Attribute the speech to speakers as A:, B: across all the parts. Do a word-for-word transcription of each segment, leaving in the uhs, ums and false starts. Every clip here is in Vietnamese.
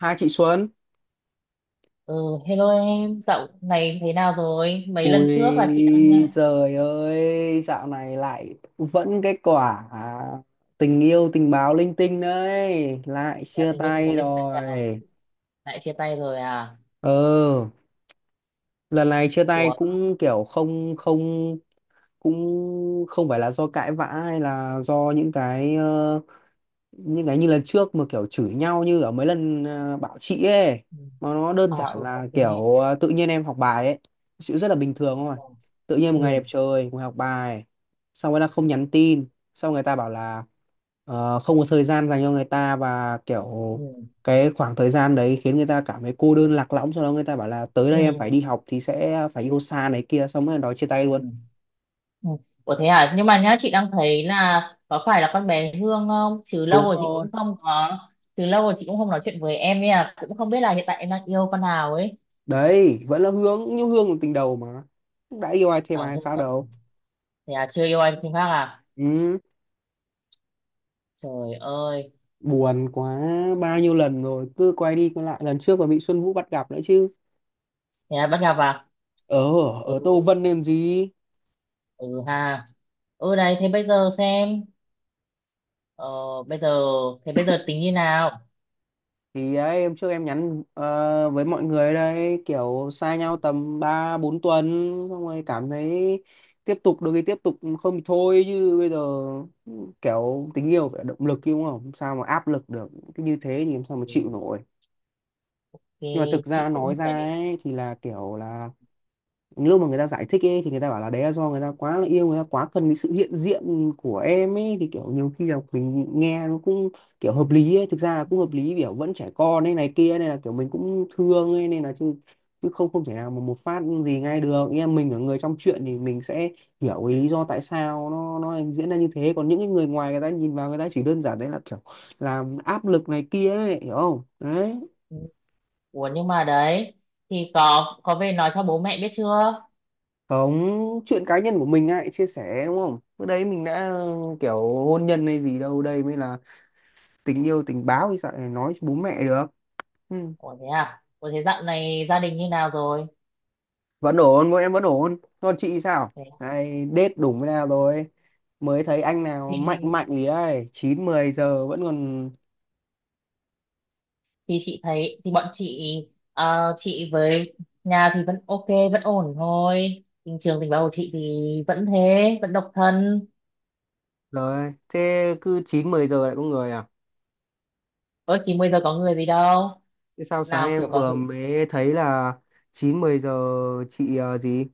A: Hai chị Xuân.
B: Ừ, hello em, dạo này thế nào rồi? Mấy lần trước là chị đang
A: Ui
B: nghe
A: giời ơi, dạo này lại vẫn cái quả tình yêu tình báo linh tinh đấy. Lại
B: nhà
A: chia
B: tình yêu thì có
A: tay
B: lên xem nào?
A: rồi.
B: Lại chia tay rồi à?
A: Ừ, lần này chia tay
B: Ủa?
A: cũng kiểu không không cũng không phải là do cãi vã hay là do những cái ờ, những cái như lần trước mà kiểu chửi nhau như ở mấy lần ờ, bảo chị ấy
B: Ừ.
A: mà nó đơn
B: À,
A: giản
B: ừ,
A: là
B: ok.
A: kiểu ờ, tự nhiên em học bài ấy, sự rất là bình thường thôi. Tự nhiên một ngày
B: Ừ,
A: đẹp trời ngồi học bài xong rồi là không nhắn tin, xong người ta bảo là ờ, không có thời gian dành cho người ta và kiểu
B: ừ,
A: cái khoảng thời gian đấy khiến người ta cảm thấy cô đơn lạc lõng. Sau đó người ta bảo là tới
B: ừ,
A: đây em
B: ừ,
A: phải đi học thì sẽ phải yêu xa này kia, xong rồi nói chia tay
B: ừ.
A: luôn.
B: Ừ. Ủa thế à? Nhưng mà nhá, chị đang thấy là có phải là con bé Hương không? Chứ lâu
A: Đúng
B: rồi chị
A: rồi,
B: cũng không có, chứ lâu rồi chị cũng không nói chuyện với em ấy à. Cũng không biết là hiện tại em đang yêu con nào ấy.
A: đấy vẫn là Hương, nhưng Hương là tình đầu mà, đã yêu ai thêm
B: À,
A: ai
B: Hương
A: khác
B: mà
A: đâu.
B: thế à, chưa yêu anh Thiên Khác à?
A: Ừ,
B: Trời ơi,
A: buồn quá. Bao nhiêu lần rồi cứ quay đi quay lại, lần trước còn bị Xuân Vũ bắt gặp nữa chứ.
B: thế à, bắt gặp à?
A: Ở,
B: Ừ.
A: ở Tô Vân nên gì.
B: Ừ ha, ừ đấy, thế bây giờ xem, ờ, bây giờ thế bây giờ tính như nào?
A: Thì ấy, em trước em nhắn ờ, với mọi người đây kiểu xa nhau tầm ba bốn tuần xong rồi cảm thấy tiếp tục được thì tiếp tục, không thì thôi. Chứ bây giờ kiểu tình yêu phải là động lực chứ, đúng không? Sao mà áp lực được, cứ như thế thì em sao mà
B: Ừ,
A: chịu nổi.
B: thì
A: Nhưng mà thực ra
B: chị
A: nói
B: cũng
A: ra
B: thấy,
A: ấy thì là kiểu là lúc mà người ta giải thích ấy thì người ta bảo là đấy là do người ta quá là yêu, người ta quá cần cái sự hiện diện của em ấy, thì kiểu nhiều khi là mình nghe nó cũng kiểu hợp lý ấy, thực ra là cũng hợp lý, kiểu vẫn trẻ con ấy này kia nên là kiểu mình cũng thương ấy, nên là chứ chứ không không thể nào mà một phát gì ngay được. Nghe mình ở người trong chuyện thì mình sẽ hiểu cái lý do tại sao nó nó diễn ra như thế, còn những cái người ngoài người ta nhìn vào người ta chỉ đơn giản đấy là kiểu làm áp lực này kia ấy, hiểu không đấy.
B: ừ. Ủa nhưng mà đấy, thì có có về nói cho bố mẹ biết chưa?
A: Không, chuyện cá nhân của mình ai chia sẻ, đúng không? Bữa đấy mình đã kiểu hôn nhân hay gì đâu, đây mới là tình yêu tình báo thì sao lại nói cho bố mẹ được. Ừ.
B: Ủa thế à? Ủa thế dạo này gia đình như nào rồi?
A: Vẫn ổn, mỗi em vẫn ổn. Còn chị sao?
B: Thế,
A: Ai đết đúng với nào rồi? Mới thấy anh nào mạnh
B: thì
A: mạnh gì đấy, chín mười giờ vẫn còn
B: thì chị thấy thì bọn chị, ờ, chị với nhà thì vẫn ok, vẫn ổn thôi. Tình trường tình báo của chị thì vẫn thế, vẫn độc thân.
A: rồi. Thế cứ chín mười giờ lại có người à?
B: Ơ chị bây giờ có người gì đâu,
A: Thế sao sáng
B: nào kiểu
A: em
B: có
A: vừa
B: hứng,
A: mới thấy là chín mười giờ chị ờ, gì?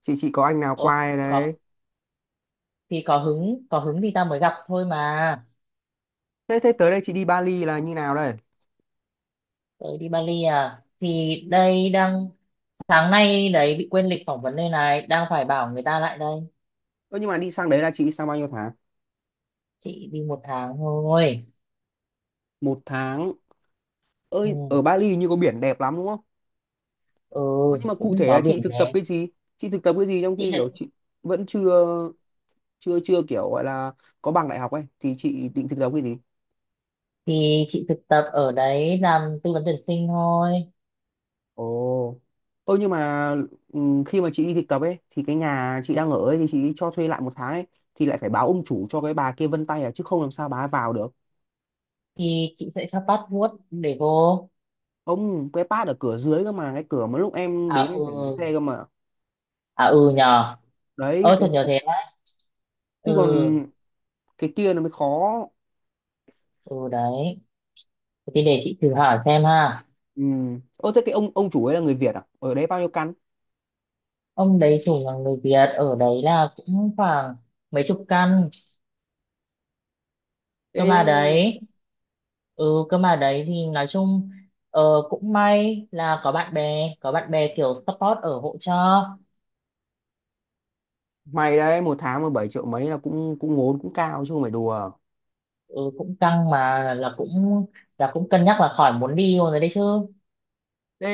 A: Chị chị có anh nào qua đây
B: có
A: đấy?
B: thì có hứng, có hứng thì ta mới gặp thôi mà.
A: Thế thế, tới đây chị đi Bali là như nào đây?
B: Tớ đi Bali à? Thì đây đang, sáng nay đấy bị quên lịch phỏng vấn đây này, đang phải bảo người ta lại đây.
A: Ơ nhưng mà đi sang đấy là chị đi sang bao nhiêu tháng?
B: Chị đi một tháng thôi.
A: Một tháng. Ơi
B: Ừ,
A: ở Bali như có biển đẹp lắm đúng không?
B: ừ
A: Ơ, nhưng mà cụ
B: cũng
A: thể là
B: có
A: chị
B: biển
A: thực tập
B: đẹp.
A: cái gì? Chị thực tập cái gì trong
B: Chị
A: khi
B: thực
A: kiểu chị vẫn chưa chưa chưa kiểu gọi là có bằng đại học ấy thì chị định thực tập cái gì?
B: thì chị thực tập ở đấy làm tư vấn tuyển sinh thôi.
A: Ồ. Ơ nhưng mà ừm, khi mà chị đi thực tập ấy thì cái nhà chị
B: Ừ,
A: đang ở ấy thì chị cho thuê lại một tháng ấy thì lại phải báo ông chủ cho cái bà kia vân tay, à chứ không làm sao bà ấy vào được.
B: thì chị sẽ cho passport để vô.
A: Ông cái pad ở cửa dưới cơ mà, cái cửa mà lúc em
B: À
A: đến em
B: ừ,
A: phải lấy xe cơ mà.
B: à ừ nhờ,
A: Đấy
B: ơ chợt
A: cái,
B: nhớ thế đấy.
A: chứ
B: Ừ.
A: còn cái kia nó mới khó.
B: Ừ đấy, thì để chị thử hỏi xem ha.
A: Ừ. Ô thế cái ông ông chủ ấy là người Việt à, ở đấy bao nhiêu căn?
B: Ông đấy chủ là người Việt, ở đấy là cũng khoảng mấy chục căn. Cơ mà
A: Thế
B: đấy, ừ cơ mà đấy thì nói chung, ờ, cũng may là có bạn bè, có bạn bè kiểu support ở hỗ trợ.
A: mày đấy, một tháng mà bảy triệu mấy là cũng cũng ngốn, cũng cao chứ không phải đùa.
B: Ừ, cũng căng mà là cũng là cũng cân nhắc là khỏi muốn đi rồi đấy, đấy chứ.
A: Thế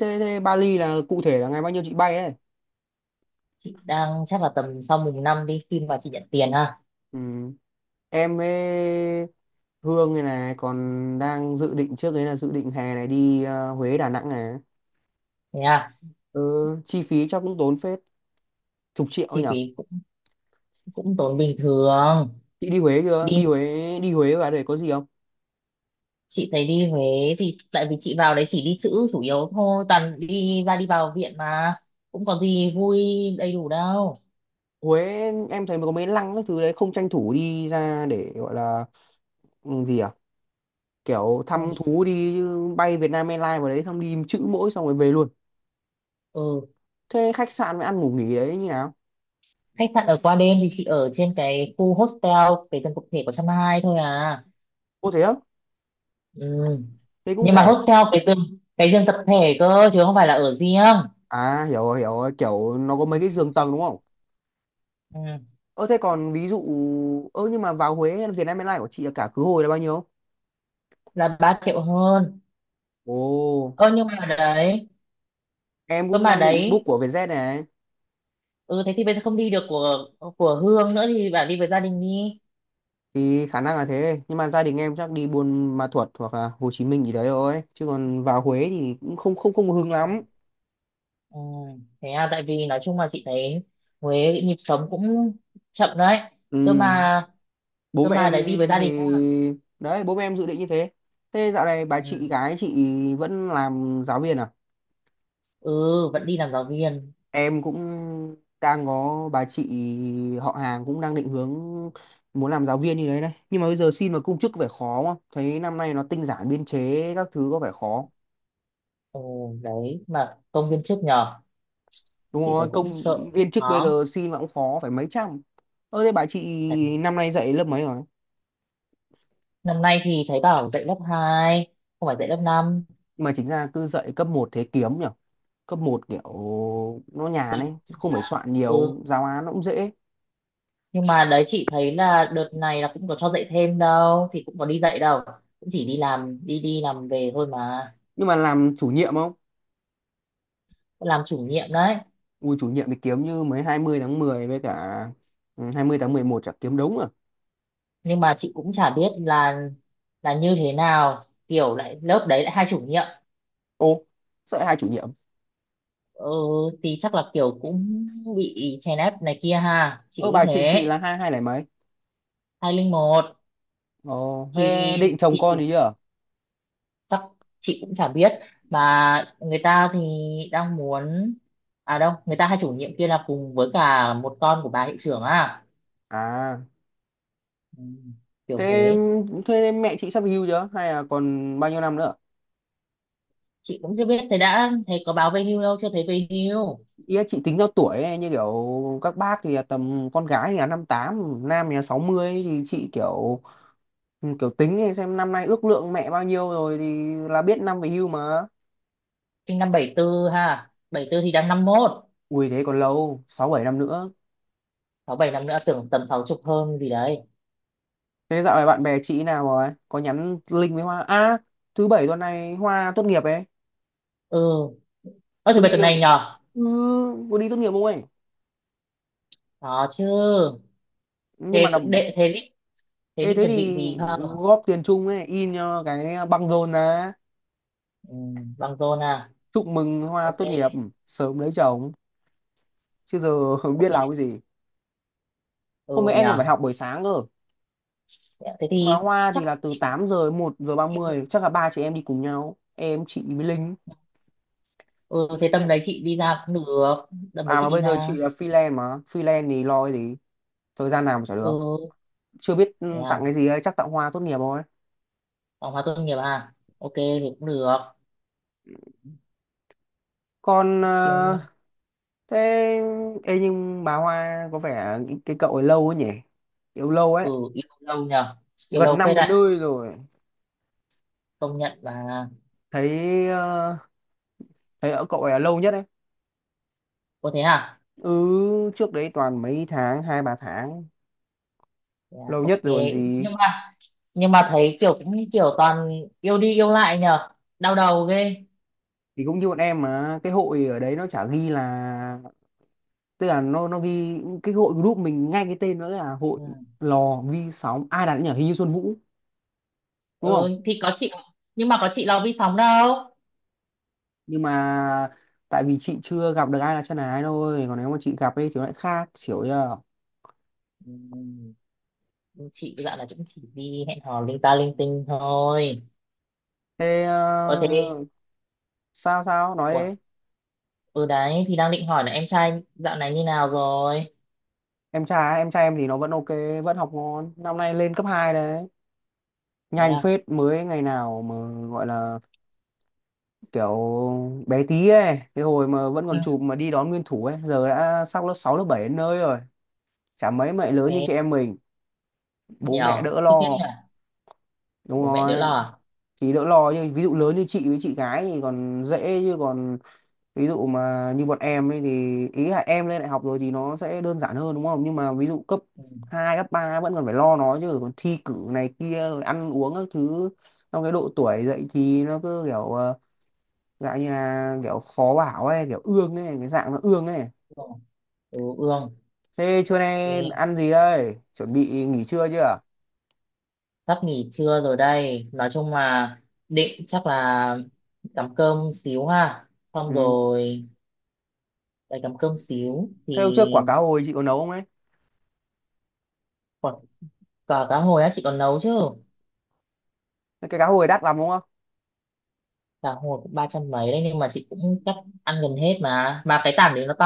A: thế, thế Bali là cụ thể là ngày bao nhiêu chị bay đấy?
B: Chị đang chắc là tầm sau mùng năm đi, khi mà chị nhận tiền ha.
A: Ừ. Em với Hương này này còn đang dự định, trước đấy là dự định hè này đi ờ, Huế, Đà Nẵng này.
B: Thế à.
A: Ừ, chi phí chắc cũng tốn phết, chục triệu ấy
B: Chi
A: nhở.
B: phí cũng cũng tốn bình thường.
A: Chị đi Huế chưa?
B: Đi,
A: Đi Huế, đi Huế và để có gì không?
B: chị thấy đi Huế thì tại vì chị vào đấy chỉ đi chữ chủ yếu thôi, toàn đi ra đi vào viện mà cũng có gì vui đầy đủ đâu.
A: Huế em thấy mà có mấy lăng các thứ đấy, không tranh thủ đi ra để gọi là ừ, gì à, kiểu
B: Không.
A: thăm thú đi chứ bay Việt Nam Airlines vào đấy xong đi chữ mỗi xong rồi về luôn.
B: Ừ.
A: Thế khách sạn với ăn ngủ nghỉ đấy như nào?
B: Khách sạn ở qua đêm thì chị ở trên cái khu hostel, cái giường tập thể có trăm hai thôi à.
A: Ô thế á?
B: Ừ.
A: Thế cũng
B: Nhưng mà
A: rẻ.
B: hostel cái giường, cái giường tập thể cơ chứ không phải là ở riêng.
A: À hiểu rồi, hiểu rồi, kiểu nó có mấy
B: Ừ.
A: cái giường tầng đúng không.
B: Ừ.
A: Ơ thế còn ví dụ, ơ nhưng mà vào Huế Việt Nam Airlines của chị là cả khứ hồi là bao nhiêu?
B: Là ba triệu hơn.
A: Ồ,
B: Ơ nhưng mà đấy,
A: em
B: cơ
A: cũng
B: mà
A: đang định book
B: đấy,
A: của Vietjet này.
B: ừ thế thì bây giờ không đi được của của Hương nữa thì bảo đi với gia đình đi.
A: Thì khả năng là thế, nhưng mà gia đình em chắc đi Buôn Ma Thuột hoặc là Hồ Chí Minh gì đấy thôi, chứ còn vào Huế thì cũng không không không hứng lắm.
B: Ừ, thế à, tại vì nói chung là chị thấy Huế nhịp sống cũng chậm đấy.
A: Ừ,
B: Cơ mà,
A: bố
B: cơ
A: mẹ
B: mà
A: em
B: đấy đi với gia
A: thì,
B: đình ha.
A: đấy bố mẹ em dự định như thế. Thế dạo này bà
B: Ừ.
A: chị gái chị vẫn làm giáo viên à?
B: Ừ, vẫn đi làm giáo viên.
A: Em cũng đang có bà chị họ hàng cũng đang định hướng muốn làm giáo viên như đấy đấy, nhưng mà bây giờ xin vào công chức có vẻ khó, không thấy năm nay nó tinh giản biên chế các thứ, có vẻ khó.
B: Ừ, đấy mà công viên trước nhờ,
A: Đúng
B: chị thấy
A: rồi,
B: cũng
A: công
B: sợ cũng
A: viên chức bây
B: khó.
A: giờ xin mà cũng khó, phải mấy trăm. Ơ thế bà chị
B: Đấy.
A: năm nay dạy lớp mấy rồi?
B: Năm nay thì thấy bảo dạy lớp hai, không phải dạy lớp năm.
A: Mà chính ra cứ dạy cấp một thế kiếm nhỉ, cấp một kiểu nó nhàn ấy chứ, không phải soạn
B: Ừ,
A: nhiều giáo án, nó cũng dễ.
B: nhưng mà đấy chị thấy là đợt này là cũng có cho dạy thêm đâu, thì cũng có đi dạy đâu, cũng chỉ đi làm, đi đi làm về thôi mà.
A: Nhưng mà làm chủ nhiệm không?
B: Cũng làm chủ nhiệm đấy.
A: Ui, chủ nhiệm thì kiếm, như mấy hai mươi tháng mười với cả ừ, hai mươi tháng mười một chả kiếm đống à.
B: Nhưng mà chị cũng chả biết là là như thế nào, kiểu lại lớp đấy lại hai chủ nhiệm.
A: Ô, sợ hai chủ nhiệm.
B: Ừ, thì chắc là kiểu cũng bị chèn ép này kia ha, chị
A: Ơ
B: nghĩ
A: bà chị
B: thế.
A: chị là hai hai này mấy.
B: hai không một.
A: Ồ
B: Thì
A: thế định chồng
B: thì
A: con thì
B: chủ
A: chưa?
B: chắc chị cũng chả biết, mà người ta thì đang muốn, à đâu người ta hai chủ nhiệm kia là cùng với cả một con của bà hiệu trưởng à.
A: À
B: Ừ, kiểu
A: thế
B: thế.
A: thế mẹ chị sắp hưu chưa hay là còn bao nhiêu năm nữa?
B: Chị cũng chưa biết, thế đã thấy có báo về hưu đâu, chưa thấy về hưu.
A: Ý là chị tính theo tuổi ấy, như kiểu các bác thì là tầm con gái thì là năm tám, nam thì là sáu mươi, thì chị kiểu, ừ, kiểu tính thì xem năm nay ước lượng mẹ bao nhiêu rồi thì là biết năm về hưu mà.
B: Sinh năm bảy tư ha, bảy tư thì đang năm mốt.
A: Ui thế còn lâu, sáu bảy năm nữa.
B: Sáu bảy năm nữa, tưởng tầm sáu chục hơn gì đấy.
A: Thế dạo này bạn bè chị nào rồi? Có nhắn link với Hoa. À, thứ bảy tuần này Hoa tốt nghiệp ấy.
B: Ừ. Ơ thứ
A: Có đi
B: bảy tuần này
A: không?
B: nhờ.
A: Ừ, có đi tốt nghiệp không ấy?
B: Đó chứ.
A: Nhưng mà
B: thế
A: là,
B: đệ thế định thế
A: ê,
B: định
A: thế
B: chuẩn bị
A: thì
B: gì không?
A: góp tiền chung ấy, in cho cái băng rôn ra.
B: Ừ, băng rôn à.
A: Chúc mừng Hoa
B: Ok,
A: tốt nghiệp, sớm lấy chồng. Chứ giờ không biết làm
B: ok,
A: cái gì. Hôm
B: ừ
A: nay em còn phải
B: nhờ.
A: học buổi sáng cơ.
B: Thế
A: Mà
B: thì,
A: Hoa thì
B: chắc
A: là từ
B: chị
A: tám giờ đến một giờ ba
B: chị
A: mươi chắc là ba chị em đi cùng nhau, em chị với Linh,
B: ừ
A: chị
B: thế
A: Linh
B: tầm
A: ấy.
B: đấy chị đi ra cũng được. Tầm đấy
A: À
B: chị
A: mà
B: đi
A: bây giờ chị
B: ra.
A: là freelance mà, freelance thì lo cái gì, thời gian nào mà chả được.
B: Ừ
A: Chưa biết ừ,
B: thế
A: tặng
B: à,
A: cái gì ấy, chắc tặng Hoa tốt nghiệp thôi.
B: phòng hóa tốt nghiệp à, ok thì cũng được.
A: Còn ờ,
B: Nhưng-
A: thế, ê nhưng bà Hoa có vẻ cái, cái cậu ấy lâu ấy nhỉ, yêu lâu
B: ừ
A: ấy,
B: yêu lâu nhờ, yêu
A: gần
B: lâu
A: năm
B: phết
A: đến
B: đấy,
A: nơi rồi.
B: công nhận. Và
A: Thấy ờ, thấy ở cậu ấy là lâu nhất ấy.
B: có thế à.
A: Ừ, trước đấy toàn mấy tháng, hai ba tháng.
B: Dạ,
A: Lâu nhất
B: ok.
A: rồi còn gì.
B: Nhưng mà, nhưng mà thấy kiểu cũng kiểu toàn yêu đi yêu lại nhờ, đau đầu ghê.
A: Thì cũng như bọn em mà, cái hội ở đấy nó chả ghi là, tức là nó nó ghi cái hội group mình, ngay cái tên nó là hội
B: Ừ.
A: lò vi sóng, ai đặt nhỉ, hình như Xuân Vũ đúng không.
B: Ừ thì có chị, nhưng mà có chị lo vi sóng đâu.
A: Nhưng mà tại vì chị chưa gặp được ai là chân ái thôi, còn nếu mà chị gặp ấy thì nó lại khác, hiểu chưa.
B: Ừ. Chị dạo là cũng chỉ đi hẹn hò linh ta linh tinh thôi.
A: thế
B: Ờ thế
A: ờ, sao sao nói
B: ủa
A: đấy.
B: ừ đấy thì đang định hỏi là em trai dạo này như nào rồi.
A: Em trai em trai em thì nó vẫn ok, vẫn học ngon, năm nay lên cấp hai đấy.
B: Thế
A: Nhanh
B: à.
A: phết, mới ngày nào mà gọi là kiểu bé tí ấy, cái hồi mà vẫn
B: Ừ.
A: còn chụp mà đi đón nguyên thủ ấy, giờ đã sang lớp sáu lớp bảy đến nơi rồi. Chả mấy mẹ lớn như
B: Thế
A: chị em mình. Bố mẹ
B: nhiều
A: đỡ
B: thích thế
A: lo.
B: nhỉ.
A: Đúng
B: Bố mẹ
A: rồi,
B: đỡ lo à.
A: thì đỡ lo nhưng ví dụ lớn như chị với chị gái thì còn dễ chứ, còn ví dụ mà như bọn em ấy thì ý là em lên đại học rồi thì nó sẽ đơn giản hơn đúng không, nhưng mà ví dụ cấp
B: Ừ.
A: hai cấp ba vẫn còn phải lo nó chứ, còn thi cử này kia rồi ăn uống các thứ. Trong cái độ tuổi dậy thì nó cứ kiểu ờ, dạng như là kiểu khó bảo ấy, kiểu ương ấy, cái dạng nó ương ấy.
B: Ương. Ừ ương.
A: Thế trưa nay ăn gì đây, chuẩn bị nghỉ trưa chưa?
B: Sắp nghỉ trưa rồi đây, nói chung là định chắc là cắm cơm xíu ha, xong
A: Ừ.
B: rồi lại cắm cơm xíu thì.
A: Thế hôm trước quả cá hồi chị có nấu không ấy?
B: Còn cả cá hồi á, chị còn nấu chứ.
A: Cái cá hồi đắt lắm đúng không?
B: Cá hồi cũng ba trăm mấy đấy, nhưng mà chị cũng chắc ăn gần hết mà mà cái tảng đấy nó to.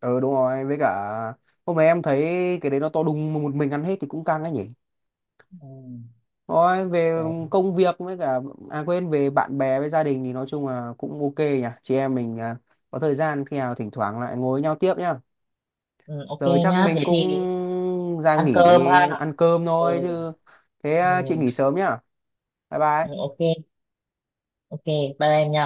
A: Ừ đúng rồi, với cả hôm nay em thấy cái đấy nó to đùng, mà một mình ăn hết thì cũng căng đấy nhỉ.
B: Ừ,
A: Thôi về
B: đấy.
A: công việc với cả, à quên, về bạn bè với gia đình thì nói chung là cũng ok nhỉ. Chị em mình à, có thời gian khi nào thỉnh thoảng lại ngồi với nhau tiếp nhá.
B: Ừ, ok
A: Giờ chắc
B: nhá, thế
A: mình cũng
B: thì
A: ra
B: ăn
A: nghỉ
B: cơm ha.
A: ăn cơm thôi
B: Ừ,
A: chứ. Thế
B: ừ,
A: à, chị nghỉ sớm nhá. Bye
B: ừ,
A: bye.
B: ok, ok, bye em nha.